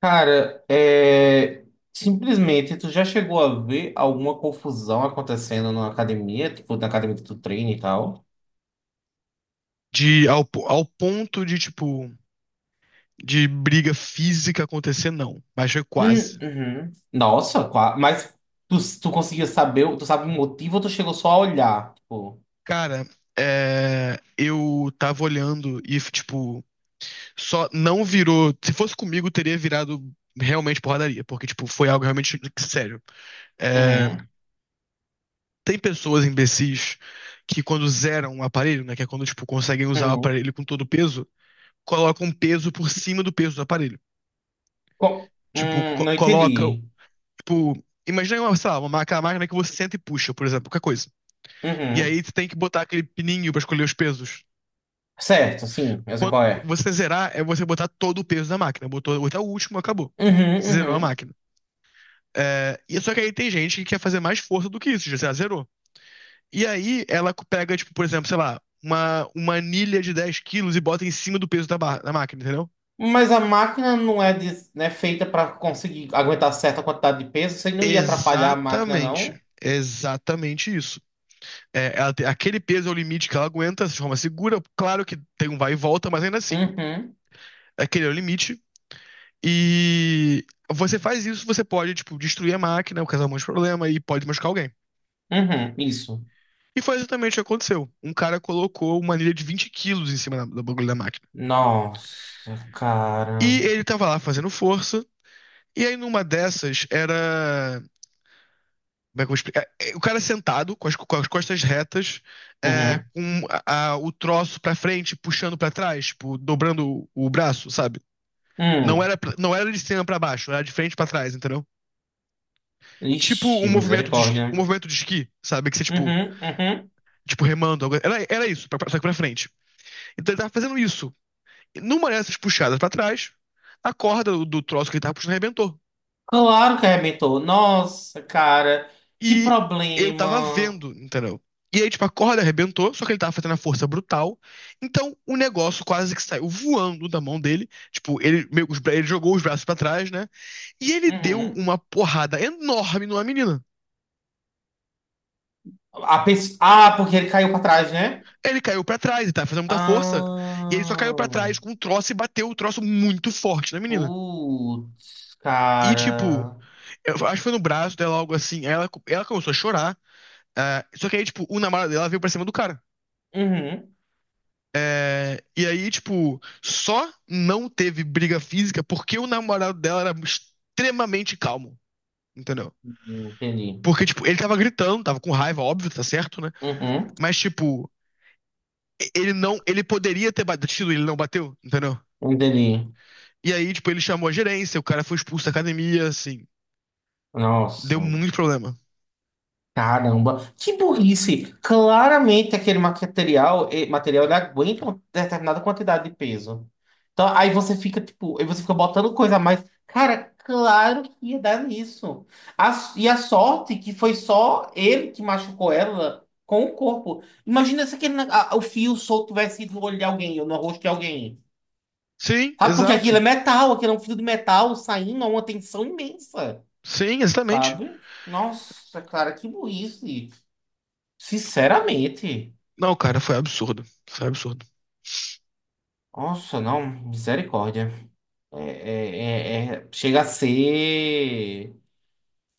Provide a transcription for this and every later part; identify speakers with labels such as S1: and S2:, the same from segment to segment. S1: Cara, simplesmente tu já chegou a ver alguma confusão acontecendo na academia, tipo na academia que tu treina e tal?
S2: Ao ponto de, tipo, de briga física acontecer, não. Mas foi quase.
S1: Uhum. Nossa, mas tu conseguiu saber, tu sabe o motivo ou tu chegou só a olhar? Tipo,
S2: Cara, eu tava olhando e, tipo, só não virou. Se fosse comigo, teria virado realmente porradaria, porque, tipo, foi algo realmente sério. É,
S1: uhum,
S2: tem pessoas imbecis que, quando zeram o aparelho, né, que é quando, tipo, conseguem usar o
S1: uhum.
S2: aparelho com todo o peso, colocam um peso por cima do peso do aparelho.
S1: Co-
S2: Tipo,
S1: hum,
S2: co-
S1: não
S2: coloca
S1: entendi.
S2: Tipo, imagina uma, sei lá, uma máquina que você senta e puxa, por exemplo, qualquer coisa. E
S1: Uhum.
S2: aí você tem que botar aquele pininho pra escolher os pesos.
S1: Certo, sim, eu sei qual é.
S2: Você zerar é você botar todo o peso da máquina. Botou até o último, acabou.
S1: Uhum,
S2: Você zerou a
S1: uhum.
S2: máquina. É, e só que aí tem gente que quer fazer mais força do que isso, já sei lá, zerou. E aí ela pega, tipo, por exemplo, sei lá, uma anilha de 10 quilos e bota em cima do peso da máquina, entendeu?
S1: Mas a máquina não é, não é feita pra conseguir aguentar certa quantidade de peso, você não ia atrapalhar a máquina,
S2: Exatamente.
S1: não?
S2: Exatamente isso. É, ela aquele peso é o limite que ela aguenta de forma segura. Claro que tem um vai e volta, mas ainda assim,
S1: Uhum.
S2: aquele é o limite. E você faz isso, você pode, tipo, destruir a máquina, causar um monte de problema e pode machucar alguém.
S1: Uhum, isso.
S2: E foi exatamente o que aconteceu. Um cara colocou uma anilha de 20 quilos em cima do bagulho da máquina.
S1: Nossa, cara.
S2: E ele tava lá fazendo força. E aí, numa dessas, era. Como é que eu vou explicar? O cara sentado, com as costas retas,
S1: Uhum.
S2: com o troço pra frente, puxando pra trás, tipo, dobrando o braço, sabe? Não
S1: Hum.
S2: era, pra- não era de cima pra baixo, era de frente pra trás, entendeu? Tipo um
S1: Ixi,
S2: movimento de, es-
S1: misericórdia.
S2: um movimento de esqui, sabe? Que você, tipo,
S1: Uhum, uhum.
S2: tipo remando. Era isso, só que pra frente. Então ele tava fazendo isso. E numa dessas puxadas pra trás, a corda do troço que ele tava puxando arrebentou.
S1: Claro que arrebentou. Nossa, cara. Que
S2: E eu tava
S1: problema.
S2: vendo, entendeu? E aí, tipo, a corda arrebentou, só que ele tava fazendo a força brutal. Então, o negócio quase que saiu voando da mão dele. Tipo, ele jogou os braços pra trás, né? E ele deu
S1: Uhum.
S2: uma porrada enorme numa menina.
S1: Ah, porque ele caiu pra trás, né?
S2: Ele caiu pra trás, ele tava fazendo muita força. E ele só caiu pra
S1: Ah.
S2: trás com um troço e bateu o troço muito forte na menina.
S1: Putz,
S2: E, tipo,
S1: cara.
S2: eu acho que foi no braço dela, algo assim. Aí ela começou a chorar. Ah, só que aí, tipo, o namorado dela veio pra cima do cara.
S1: Uhum.
S2: É, e aí, tipo, só não teve briga física porque o namorado dela era extremamente calmo, entendeu?
S1: Entendi.
S2: Porque, tipo, ele tava gritando, tava com raiva, óbvio, tá certo, né?
S1: Uhum.
S2: Mas, tipo, ele não, ele poderia ter batido, ele não bateu, entendeu?
S1: Entendi.
S2: E aí, tipo, ele chamou a gerência, o cara foi expulso da academia, assim. Deu
S1: Nossa.
S2: muito problema.
S1: Caramba, que burrice! Claramente aquele material ele aguenta uma determinada quantidade de peso. Então aí você fica tipo, aí você fica botando coisa a mais. Cara, claro que ia dar nisso. E a sorte que foi só ele que machucou ela com o corpo. Imagina se aquele, o fio solto tivesse ido no olho de alguém ou no rosto de alguém.
S2: Sim,
S1: Sabe? Porque aquilo é
S2: exato.
S1: metal, aquilo é um fio de metal saindo a uma tensão imensa,
S2: Sim, exatamente.
S1: sabe? Nossa, cara, que burrice. Sinceramente,
S2: Não, cara, foi absurdo. Foi absurdo.
S1: nossa, não, misericórdia. Chega a ser.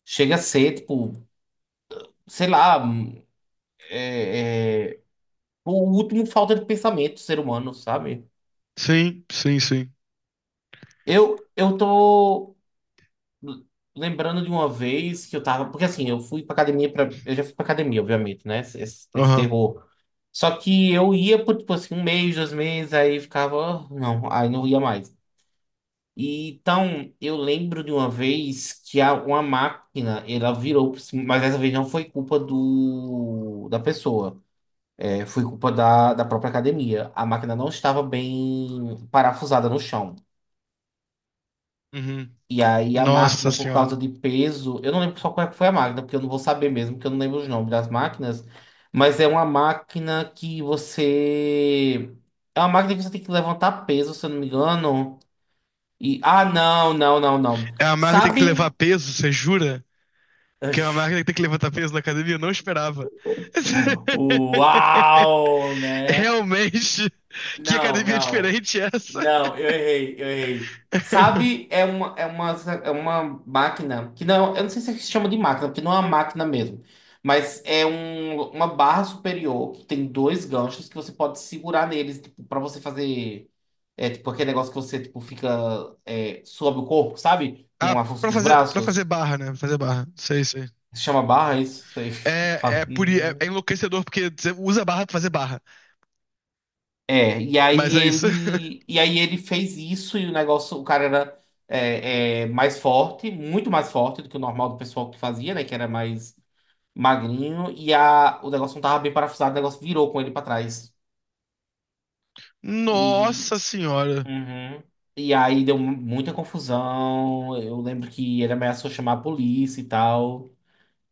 S1: Chega a ser, tipo, sei lá, o último falta de pensamento do ser humano, sabe?
S2: Sim, sim, sim.
S1: Eu tô lembrando de uma vez que eu tava. Porque assim, eu fui pra academia pra. Eu já fui pra academia, obviamente, né? Esse
S2: Aham.
S1: terror. Só que eu ia por, tipo assim, um mês, dois meses, aí ficava. "Ah, não, aí não ia mais." E, então, eu lembro de uma vez que uma máquina, ela virou, mas dessa vez não foi culpa da pessoa, foi culpa da própria academia. A máquina não estava bem parafusada no chão.
S2: Uhum.
S1: E aí a
S2: Nossa
S1: máquina, por
S2: senhora.
S1: causa de peso, eu não lembro só qual é que foi a máquina, porque eu não vou saber mesmo, porque eu não lembro os nomes das máquinas, mas é uma máquina que você... É uma máquina que você tem que levantar peso, se eu não me engano. Ah, não, não, não, não.
S2: É uma máquina que tem que levar
S1: Sabe...
S2: peso, você jura? Que é uma máquina que tem que levantar peso na academia? Eu não esperava.
S1: Uau, né?
S2: Realmente, que
S1: Não,
S2: academia
S1: não.
S2: diferente é essa?
S1: Não, eu errei, eu errei. Sabe, é uma máquina que não, eu não sei se chama de máquina, porque não é uma máquina mesmo, mas é uma barra superior que tem dois ganchos que você pode segurar neles, tipo, para você fazer tipo aquele negócio que você tipo fica sob o corpo, sabe?
S2: Ah,
S1: Com a força
S2: pra
S1: dos
S2: fazer, pra fazer
S1: braços.
S2: barra, né? Fazer barra. Sei, sei.
S1: Se chama barra, é isso? Sei.
S2: É enlouquecedor porque você usa barra pra fazer barra.
S1: É, e aí
S2: Mas é isso.
S1: ele, e aí ele fez isso e o negócio, o cara era mais forte, muito mais forte do que o normal do pessoal que fazia, né? Que era mais magrinho, e o negócio não tava bem parafusado, o negócio virou com ele pra trás. E,
S2: Nossa senhora.
S1: uhum. E aí deu muita confusão. Eu lembro que ele ameaçou chamar a polícia e tal.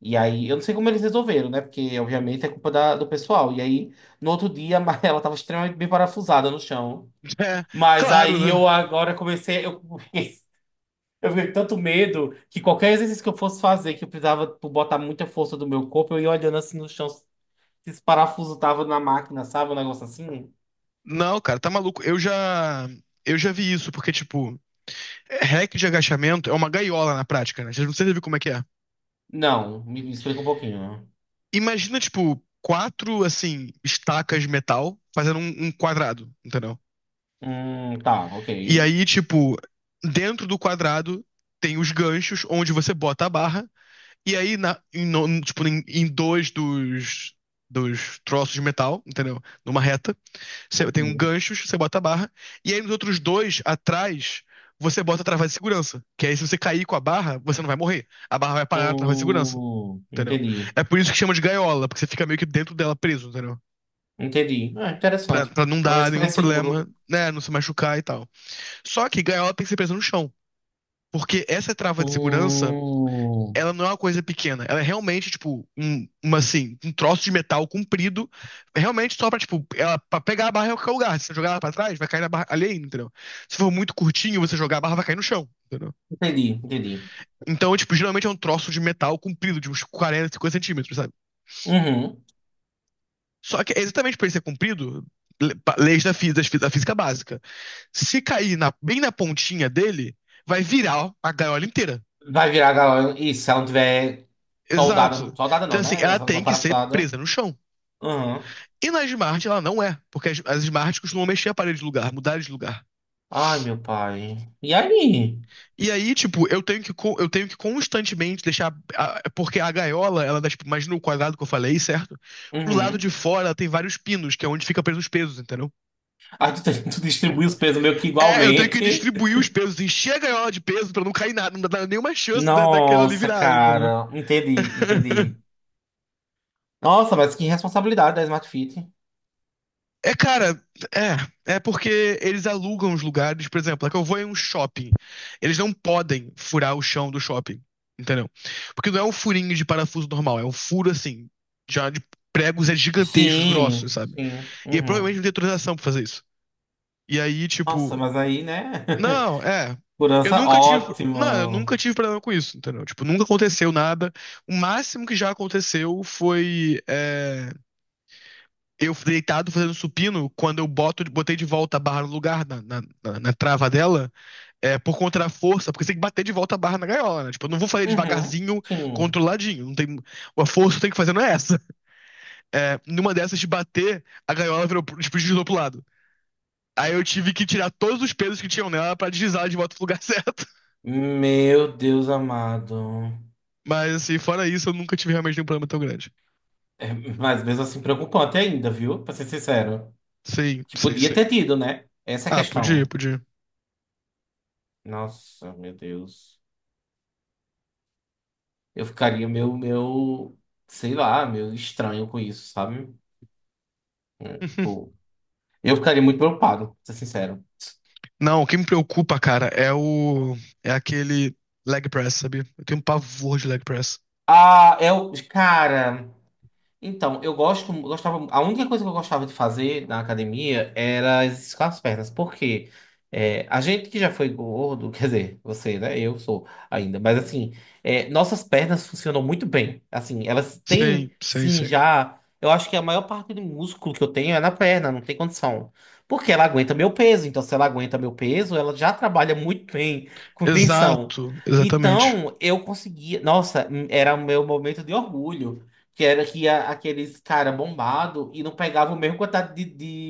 S1: E aí, eu não sei como eles resolveram, né? Porque, obviamente, é culpa do pessoal. E aí, no outro dia, ela tava extremamente bem parafusada no chão.
S2: É,
S1: Mas
S2: claro,
S1: aí
S2: né?
S1: eu agora comecei, eu fiquei com tanto medo que qualquer exercício que eu fosse fazer, que eu precisava tipo, botar muita força do meu corpo, eu ia olhando assim no chão, se esse parafuso tava na máquina, sabe? Um negócio assim.
S2: Não, cara, tá maluco. Eu já vi isso, porque, tipo, hack de agachamento é uma gaiola na prática, né? Vocês não sabem como é que é.
S1: Não, me explica um pouquinho.
S2: Imagina, tipo, quatro, assim, estacas de metal fazendo um quadrado, entendeu?
S1: Tá, ok.
S2: E aí, tipo, dentro do quadrado tem os ganchos onde você bota a barra. E aí, na, em, no- tipo, em dois dos troços de metal, entendeu? Numa reta, você tem um
S1: Uhum.
S2: gancho, você bota a barra. E aí, nos outros dois, atrás, você bota a trava de segurança. Que aí, se você cair com a barra, você não vai morrer. A barra vai parar na trava de segurança, entendeu?
S1: Entendi.
S2: É por isso que chama de gaiola, porque você fica meio que dentro dela preso, entendeu?
S1: Entendi. Ah,
S2: Pra,
S1: interessante.
S2: pra não dar
S1: Parece
S2: nenhum
S1: mais
S2: problema,
S1: seguro.
S2: né? Não se machucar e tal. Só que gaiola tem que ser presa no chão. Porque essa trava de segurança
S1: Hum,
S2: ela não é uma coisa pequena. Ela é realmente, tipo, assim, um troço de metal comprido, realmente só tipo, pra pegar a barra em qualquer lugar. Se você jogar ela pra trás, vai cair na barra alheia, entendeu? Se for muito curtinho, você jogar a barra, vai cair no chão, entendeu?
S1: entendi, entendi.
S2: Então, tipo, geralmente é um troço de metal comprido, de uns 40 50 centímetros, sabe?
S1: Uhum.
S2: Só que é exatamente por ele ser comprido, leis da, fí- das fí- da física básica. Se cair bem na pontinha dele, vai virar a gaiola inteira.
S1: Vai virar galera. Isso, se ela não tiver soldada,
S2: Exato.
S1: soldada não,
S2: Então, assim,
S1: né?
S2: ela
S1: Essa não foi
S2: tem que ser
S1: parafusada.
S2: presa no chão.
S1: Uhum.
S2: E na Smart ela não é, porque as Smart costumam mexer a parede de lugar, mudar de lugar.
S1: Ai, meu pai. E aí?
S2: E aí, tipo, eu tenho que constantemente deixar. Porque a gaiola, ela dá, tipo, imagina o quadrado que eu falei, certo? Pro lado de
S1: Uhum.
S2: fora ela tem vários pinos, que é onde fica preso os pesos, entendeu?
S1: Aí tu, tu distribui os pesos meio que
S2: Eu tenho que
S1: igualmente.
S2: distribuir os pesos, encher a gaiola de peso pra não cair nada, não dar nenhuma chance daquela ali
S1: Nossa,
S2: virar, entendeu?
S1: cara. Entendi, entendi. Nossa, mas que responsabilidade da Smart Fit.
S2: É, cara, é. É porque eles alugam os lugares, por exemplo, é que eu vou em um shopping. Eles não podem furar o chão do shopping, entendeu? Porque não é um furinho de parafuso normal, é um furo assim, já de pregos é gigantescos, grossos,
S1: Sim,
S2: sabe?
S1: sim.
S2: E provavelmente
S1: Uhum.
S2: não tem autorização pra fazer isso. E aí,
S1: Nossa,
S2: tipo,
S1: mas aí, né?
S2: não, é. Eu
S1: Segurança
S2: nunca tive, não, eu
S1: ótima.
S2: nunca tive problema com isso, entendeu? Tipo, nunca aconteceu nada. O máximo que já aconteceu foi, eu deitado fazendo supino, quando botei de volta a barra no lugar, na trava dela, é por conta da força, porque você tem que bater de volta a barra na gaiola, né? Tipo, eu não vou fazer
S1: Uhum,
S2: devagarzinho,
S1: sim.
S2: controladinho. Não tem, a força que eu tenho que fazer não é essa. É, numa dessas de bater, a gaiola virou, tipo, deslizou pro lado. Aí eu tive que tirar todos os pesos que tinham nela pra deslizar ela de volta pro lugar certo.
S1: Meu Deus amado.
S2: Mas, assim, fora isso, eu nunca tive realmente nenhum problema tão grande.
S1: É, mas mesmo assim preocupante ainda, viu? Pra ser sincero.
S2: Sim,
S1: Que
S2: sim,
S1: podia
S2: sim.
S1: ter tido, né? Essa é a
S2: Ah, podia,
S1: questão.
S2: podia.
S1: Nossa, meu Deus. Eu ficaria meu, sei lá, meu estranho com isso, sabe? É, tipo, eu ficaria muito preocupado, pra ser sincero.
S2: Não, o que me preocupa, cara, é o. É aquele leg press, sabe? Eu tenho um pavor de leg press.
S1: Ah, é o. Cara. Então, eu gostava, a única coisa que eu gostava de fazer na academia era exercício com as pernas, porque a gente que já foi gordo, quer dizer, você, né? Eu sou ainda, mas assim, nossas pernas funcionam muito bem. Assim, elas têm,
S2: Sim, sim,
S1: sim,
S2: sim.
S1: já. Eu acho que a maior parte do músculo que eu tenho é na perna, não tem condição. Porque ela aguenta meu peso, então se ela aguenta meu peso, ela já trabalha muito bem com tensão.
S2: Exato, exatamente.
S1: Então, eu conseguia. Nossa, era o meu momento de orgulho. Que era que aqueles cara bombado e não pegava o mesmo quantidade de,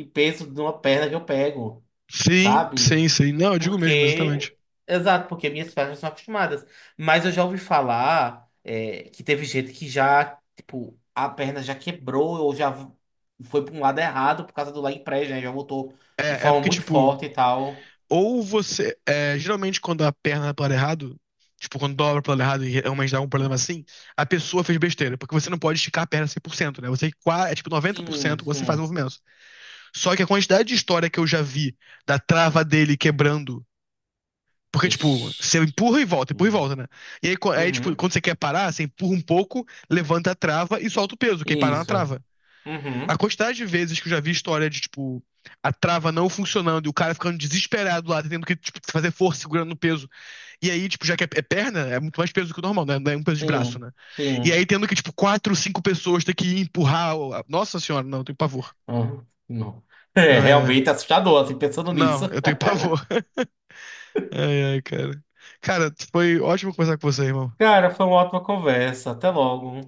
S1: de peso de uma perna que eu pego,
S2: Sim,
S1: sabe?
S2: sim, sim. Não, eu digo mesmo,
S1: Porque.
S2: exatamente.
S1: Exato, porque minhas pernas são acostumadas. Mas eu já ouvi falar que teve gente que já, tipo, a perna já quebrou ou já foi para um lado errado por causa do leg press, né? Já voltou de
S2: É
S1: forma
S2: porque,
S1: muito
S2: tipo,
S1: forte e tal.
S2: ou você. É, geralmente, quando a perna é pro lado errado, tipo, quando dobra pro lado errado e realmente dá um problema
S1: Uhum.
S2: assim, a pessoa fez besteira. Porque você não pode esticar a perna 100%, né? Você é tipo
S1: Sim,
S2: 90% você faz o
S1: sim.
S2: movimento. Só que a quantidade de história que eu já vi da trava dele quebrando. Porque, tipo,
S1: Ixi.
S2: você empurra e volta, né? E aí, tipo,
S1: Uhum.
S2: quando você quer parar, você empurra um pouco, levanta a trava e solta o peso, que aí para na
S1: Isso.
S2: trava.
S1: Uhum.
S2: A quantidade de vezes que eu já vi história de, tipo, a trava não funcionando e o cara ficando desesperado lá, tendo que, tipo, fazer força segurando no peso. E aí, tipo, já que é perna, é muito mais peso do que o normal, né? Não é um peso de braço,
S1: Sim,
S2: né? E
S1: sim.
S2: aí, tendo que, tipo, quatro, cinco pessoas ter que ir empurrar. Nossa senhora, não, eu tenho pavor.
S1: Ah, não. É
S2: Ai, ai.
S1: realmente assustador, assim, pensando
S2: Não,
S1: nisso.
S2: eu tenho pavor. Ai, ai, cara. Cara, foi ótimo conversar com você, irmão.
S1: Cara, foi uma ótima conversa. Até logo.